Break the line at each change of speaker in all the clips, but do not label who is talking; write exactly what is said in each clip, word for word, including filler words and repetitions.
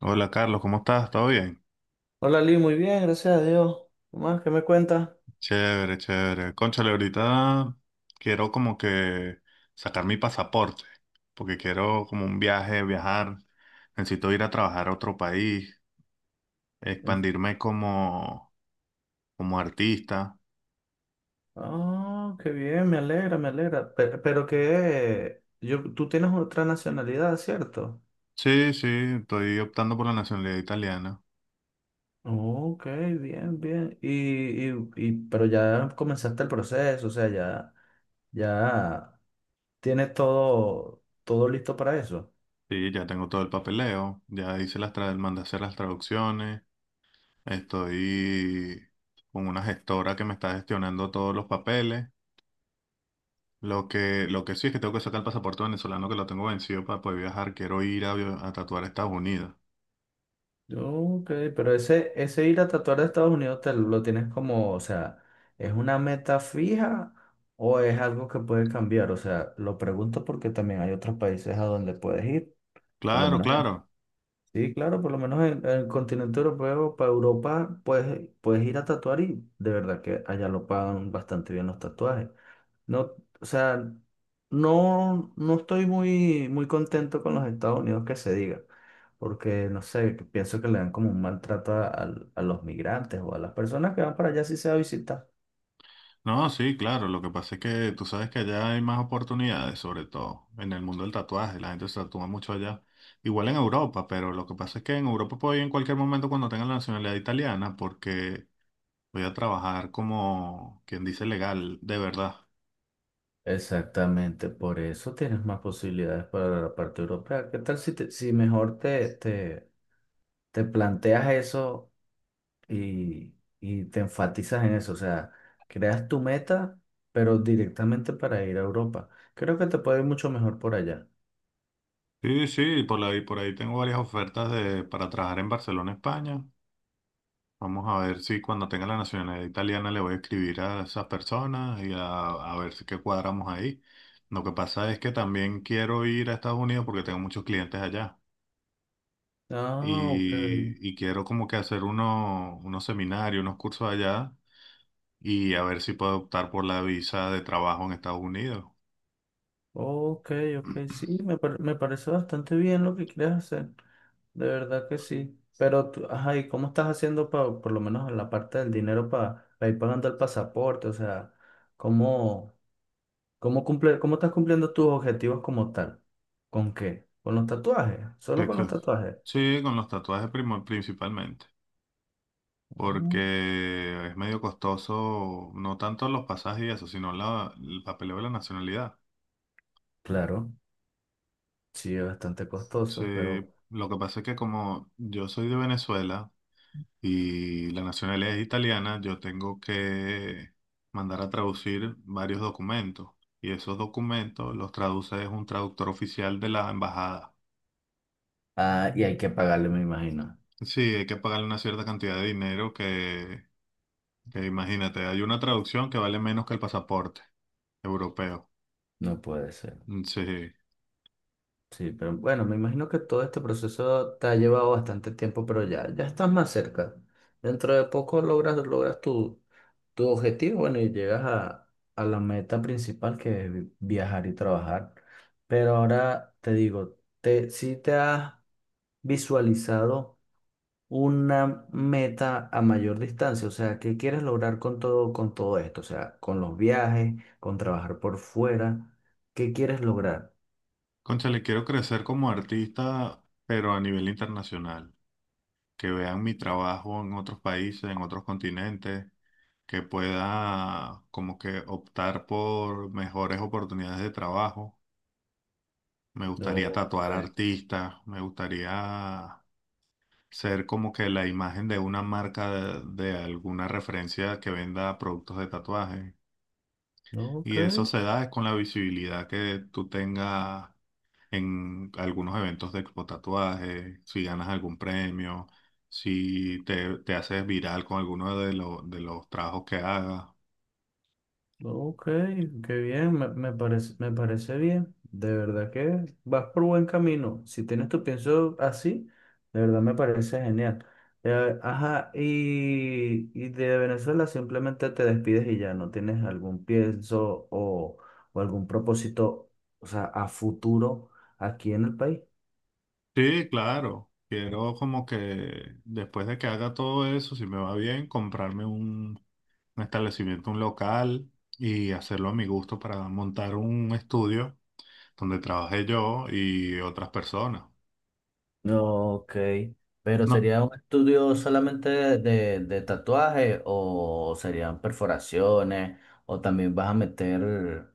Hola Carlos, ¿cómo estás? ¿Todo bien?
Hola Lee, muy bien, gracias a Dios. ¿Qué más? ¿Qué me cuentas?
Chévere, chévere. Cónchale, ahorita quiero como que sacar mi pasaporte, porque quiero como un viaje, viajar. Necesito ir a trabajar a otro país,
Mm.
expandirme como, como artista.
Ah, qué bien, me alegra, me alegra. Pe- Pero, que yo, tú tienes otra nacionalidad, ¿cierto?
Sí, sí, estoy optando por la nacionalidad italiana.
Ok, bien, bien. Y, y, y- pero ya comenzaste el proceso, o sea, ya, ya tienes todo, todo listo para eso.
Sí, ya tengo todo el papeleo, ya hice las tra- mandé a hacer las traducciones, estoy con una gestora que me está gestionando todos los papeles. Lo que, lo que sí es que tengo que sacar el pasaporte venezolano que lo tengo vencido para poder viajar. Quiero ir a, vi- a tatuar a Estados Unidos.
Ok, pero ese, ese ir a tatuar a Estados Unidos te lo tienes como, o sea, ¿es una meta fija o es algo que puede cambiar? O sea, lo pregunto porque también hay otros países a donde puedes ir, por lo
Claro,
menos
claro.
sí, claro, por lo menos en, en el continente europeo, para Europa, puedes, puedes ir a tatuar y de verdad que allá lo pagan bastante bien los tatuajes. No, o sea, no, no estoy muy, muy contento con los Estados Unidos que se diga, porque no sé, que pienso que le dan como un maltrato a, al- a los migrantes o a las personas que van para allá si se va a visitar.
No, sí, claro. Lo que pasa es que tú sabes que allá hay más oportunidades, sobre todo en el mundo del tatuaje. La gente se tatúa mucho allá. Igual en Europa, pero lo que pasa es que en Europa puedo ir en cualquier momento cuando tenga la nacionalidad italiana porque voy a trabajar como quien dice legal, de verdad.
Exactamente, por eso tienes más posibilidades para la parte europea. ¿Qué tal si, te- si mejor te, te, te planteas eso? y, y te enfatizas en eso, o sea, creas tu meta, pero directamente para ir a Europa. Creo que te puede ir mucho mejor por allá.
Sí, sí, por ahí, por ahí tengo varias ofertas de, para trabajar en Barcelona, España. Vamos a ver si cuando tenga la nacionalidad italiana le voy a escribir a esas personas y a, a ver si qué cuadramos ahí. Lo que pasa es que también quiero ir a Estados Unidos porque tengo muchos clientes allá
Ah, ok,
y, y quiero como que hacer uno- unos seminarios, unos cursos allá y a ver si puedo optar por la visa de trabajo en Estados Unidos.
ok, ok, sí, me, par- me parece bastante bien lo que quieres hacer, de verdad que sí. Pero tú, ajá, ¿y cómo estás haciendo pa- por lo menos en la parte del dinero para ir pagando el pasaporte? O sea, ¿cómo, cómo cumple, cómo estás cumpliendo tus objetivos como tal? ¿Con qué? ¿Con los tatuajes? ¿Solo
Que-
con los
que-
tatuajes?
Sí, con los tatuajes primo- principalmente, porque es medio costoso, no tanto los pasajes y eso, sino la, el papeleo de la nacionalidad.
Claro, sí, es bastante
Sí,
costoso, pero...
lo que pasa es que como yo soy de Venezuela y la nacionalidad es italiana, yo tengo que mandar a traducir varios documentos y esos documentos los traduce es un traductor oficial de la embajada.
Ah, y hay que pagarle, me imagino.
Sí, hay que pagarle una cierta cantidad de dinero que, que imagínate, hay una traducción que vale menos que el pasaporte europeo.
No puede ser.
Mm, sí.
Sí, pero bueno, me imagino que todo este proceso te ha llevado bastante tiempo, pero ya, ya estás más cerca. Dentro de poco logras, logras tu, tu objetivo, bueno, y llegas a, a la meta principal que es vi- viajar y trabajar. Pero ahora te digo, te, si te has visualizado una meta a mayor distancia, o sea, ¿qué quieres lograr con todo, con todo esto? O sea, con los viajes, con trabajar por fuera, ¿qué quieres lograr?
Concha, le quiero crecer como artista, pero a nivel internacional. Que vean mi trabajo en otros países, en otros continentes, que pueda como que optar por mejores oportunidades de trabajo. Me gustaría
No,
tatuar
eh,
artistas, me gustaría ser como que la imagen de una marca de, de alguna referencia que venda productos de tatuaje.
ok,
Y eso se da con la visibilidad que tú tengas en algunos eventos de expo tatuaje, si ganas algún premio, si te, te haces viral con alguno de, lo- de los trabajos que hagas.
ok, qué bien, me, me parece, me parece bien. De verdad que vas por buen camino. Si tienes tu pienso así, de verdad me parece genial. Eh, ajá, y, y de Venezuela simplemente te despides y ya no tienes algún pienso o, o algún propósito, o sea, a futuro aquí en el país.
Sí, claro. Quiero como que después de que haga todo eso, si me va bien, comprarme un, un establecimiento, un local y hacerlo a mi gusto para montar un estudio donde trabaje yo y otras personas.
No, ok. Pero
No,
¿sería un estudio solamente de, de tatuaje o serían perforaciones? O también vas a meter,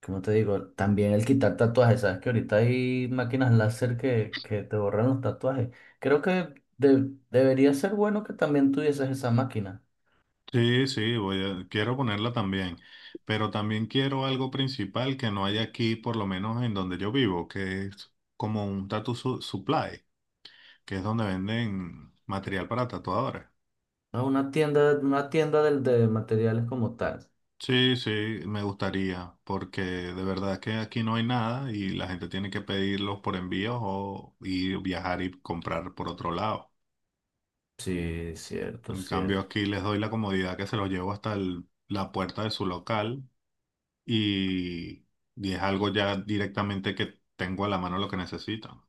¿cómo te digo? También el quitar tatuajes. Sabes que ahorita hay máquinas láser que, que te borran los tatuajes. Creo que de- debería ser bueno que también tuvieses esa máquina.
sí, sí, voy a, quiero ponerla también, pero también quiero algo principal que no hay aquí, por lo menos en donde yo vivo, que es como un tattoo su- supply, que es donde venden material para tatuadores.
¿No? Una tienda, una tienda del- de materiales como tal.
Sí, sí, me gustaría, porque de verdad que aquí no hay nada y la gente tiene que pedirlos por envíos o ir viajar y comprar por otro lado.
Sí, cierto,
En cambio,
cierto.
aquí les doy la comodidad que se los llevo hasta el- la puerta de su local y, y es algo ya directamente que tengo a la mano lo que necesito.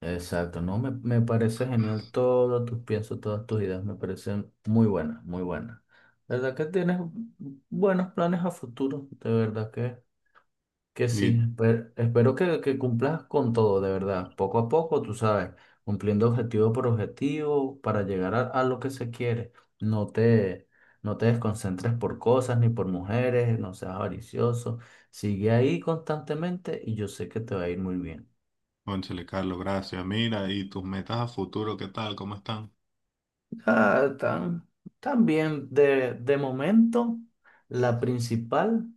Exacto, no, me, me parece genial todo tus piensos, todas tus ideas, me parecen muy buenas, muy buenas. ¿Verdad que tienes buenos planes a futuro? De verdad que, que sí,
Y
espe- espero que, que cumplas con todo, de verdad, poco a poco, tú sabes, cumpliendo objetivo por objetivo para llegar a, a lo que se quiere. No te, no te desconcentres por cosas ni por mujeres, no seas avaricioso, sigue ahí constantemente y yo sé que te va a ir muy bien.
cónchale, Carlos, gracias. Mira, y tus metas a futuro, ¿qué tal? ¿Cómo están?
Ah, tan, también de, de momento, la principal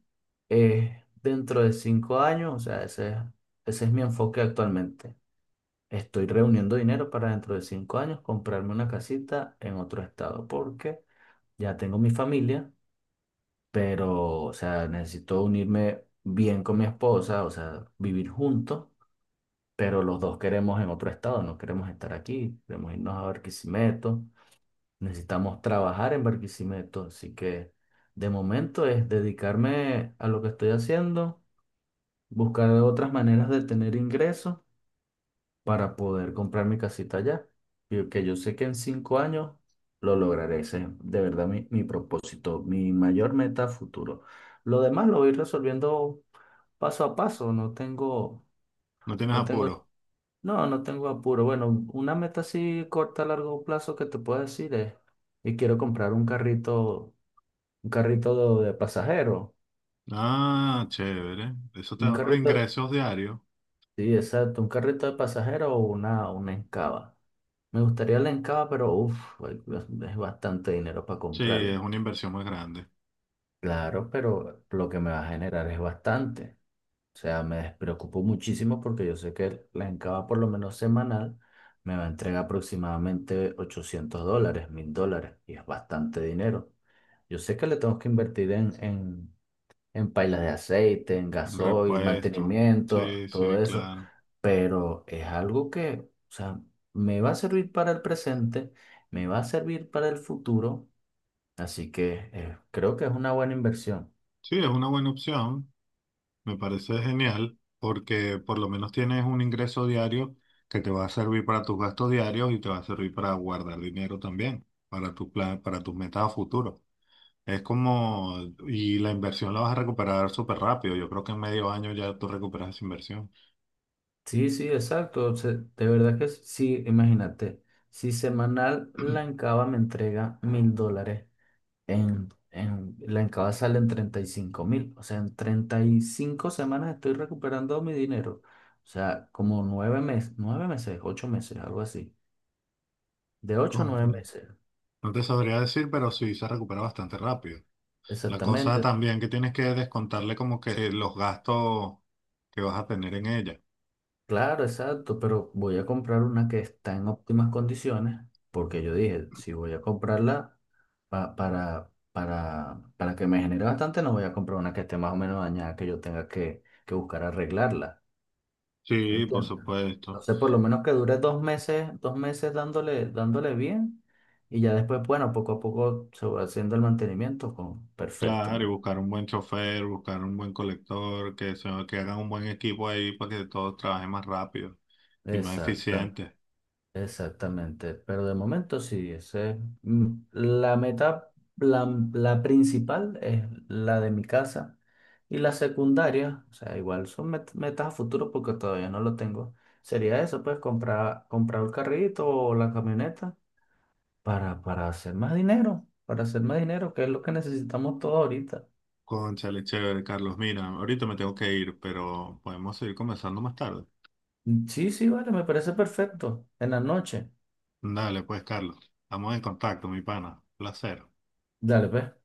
es dentro de cinco años, o sea, ese, ese es mi enfoque actualmente. Estoy reuniendo dinero para dentro de cinco años comprarme una casita en otro estado, porque ya tengo mi familia, pero, o sea, necesito unirme bien con mi esposa, o sea, vivir juntos, pero los dos queremos en otro estado, no queremos estar aquí, queremos irnos a Barquisimeto. Necesitamos trabajar en Barquisimeto, así que de momento es dedicarme a lo que estoy haciendo, buscar otras maneras de tener ingresos para poder comprar mi casita allá. Y que yo sé que en cinco años lo lograré. Ese es de verdad mi, mi propósito, mi mayor meta a futuro. Lo demás lo voy resolviendo paso a paso. No tengo,
¿No tienes
no tengo,
apuro?
no, no tengo apuro. Bueno, una meta así corta a largo plazo que te puedo decir es, y quiero comprar un carrito. Un carrito de, de pasajero.
Ah, chévere. Eso te
Un
da unos
carrito,
ingresos diarios.
sí, exacto. Un carrito de pasajero o una, una Encava. Me gustaría la Encava, pero uff, es bastante dinero para
Sí, es
comprarla.
una inversión muy grande.
Claro, pero lo que me va a generar es bastante. O sea, me despreocupo muchísimo porque yo sé que la Encava, por lo menos semanal, me va a entregar aproximadamente ochocientos dólares, mil dólares, y es bastante dinero. Yo sé que le tengo que invertir en, en en pailas de aceite, en gasoil,
Repuesto.
mantenimiento,
Sí,
todo
sí,
eso,
claro.
pero es algo que, o sea, me va a servir para el presente, me va a servir para el futuro, así que eh, creo que es una buena inversión.
Sí, es una buena opción. Me parece genial porque por lo menos tienes un ingreso diario que te va a servir para tus gastos diarios y te va a servir para guardar dinero también, para tus plan, para tus metas a futuro. Es como, y la inversión la vas a recuperar súper rápido. Yo creo que en medio año ya tú recuperas esa inversión.
Sí, sí, exacto, se- de verdad que sí, imagínate, si semanal la Encaba me entrega mil dólares. En, en, la entrada salen treinta y cinco mil. O sea, en treinta y cinco semanas estoy recuperando mi dinero. O sea, como nueve meses, nueve meses, ocho meses, algo así. De ocho a nueve
Cónchale,
meses.
no te sabría decir, pero sí se recupera bastante rápido. La cosa
Exactamente.
también que tienes que descontarle como que los gastos que vas a tener en ella.
Claro, exacto. Pero voy a comprar una que está en óptimas condiciones. Porque yo dije, si voy a comprarla pa- para, para, para que me genere bastante, no voy a comprar una que esté más o menos dañada, que yo tenga que, que buscar arreglarla.
Sí, por
¿Entiendes?
supuesto.
Entonces, por lo menos que dure dos meses, dos meses dándole, dándole bien, y ya después, bueno, poco a poco se va haciendo el mantenimiento con perfecto,
Claro,
me
y
da.
buscar un buen chofer, buscar un buen colector, que, se, que hagan un buen equipo ahí para que todos trabajen más rápido y más
Exacta,
eficiente.
exactamente. Pero de momento sí, ese es, mm, la meta, la, la principal es la de mi casa. Y la secundaria, o sea, igual son met- metas a futuro porque todavía no lo tengo. Sería eso, pues comprar, comprar el carrito o la camioneta para, para hacer más dinero, para hacer más dinero, que es lo que necesitamos todos ahorita.
Cónchale, chévere, Carlos. Mira, ahorita me tengo que ir, pero podemos seguir conversando más tarde.
Sí, sí, vale, me parece perfecto. En la noche.
Dale, pues, Carlos. Estamos en contacto, mi pana. Placer.
Dale, pues.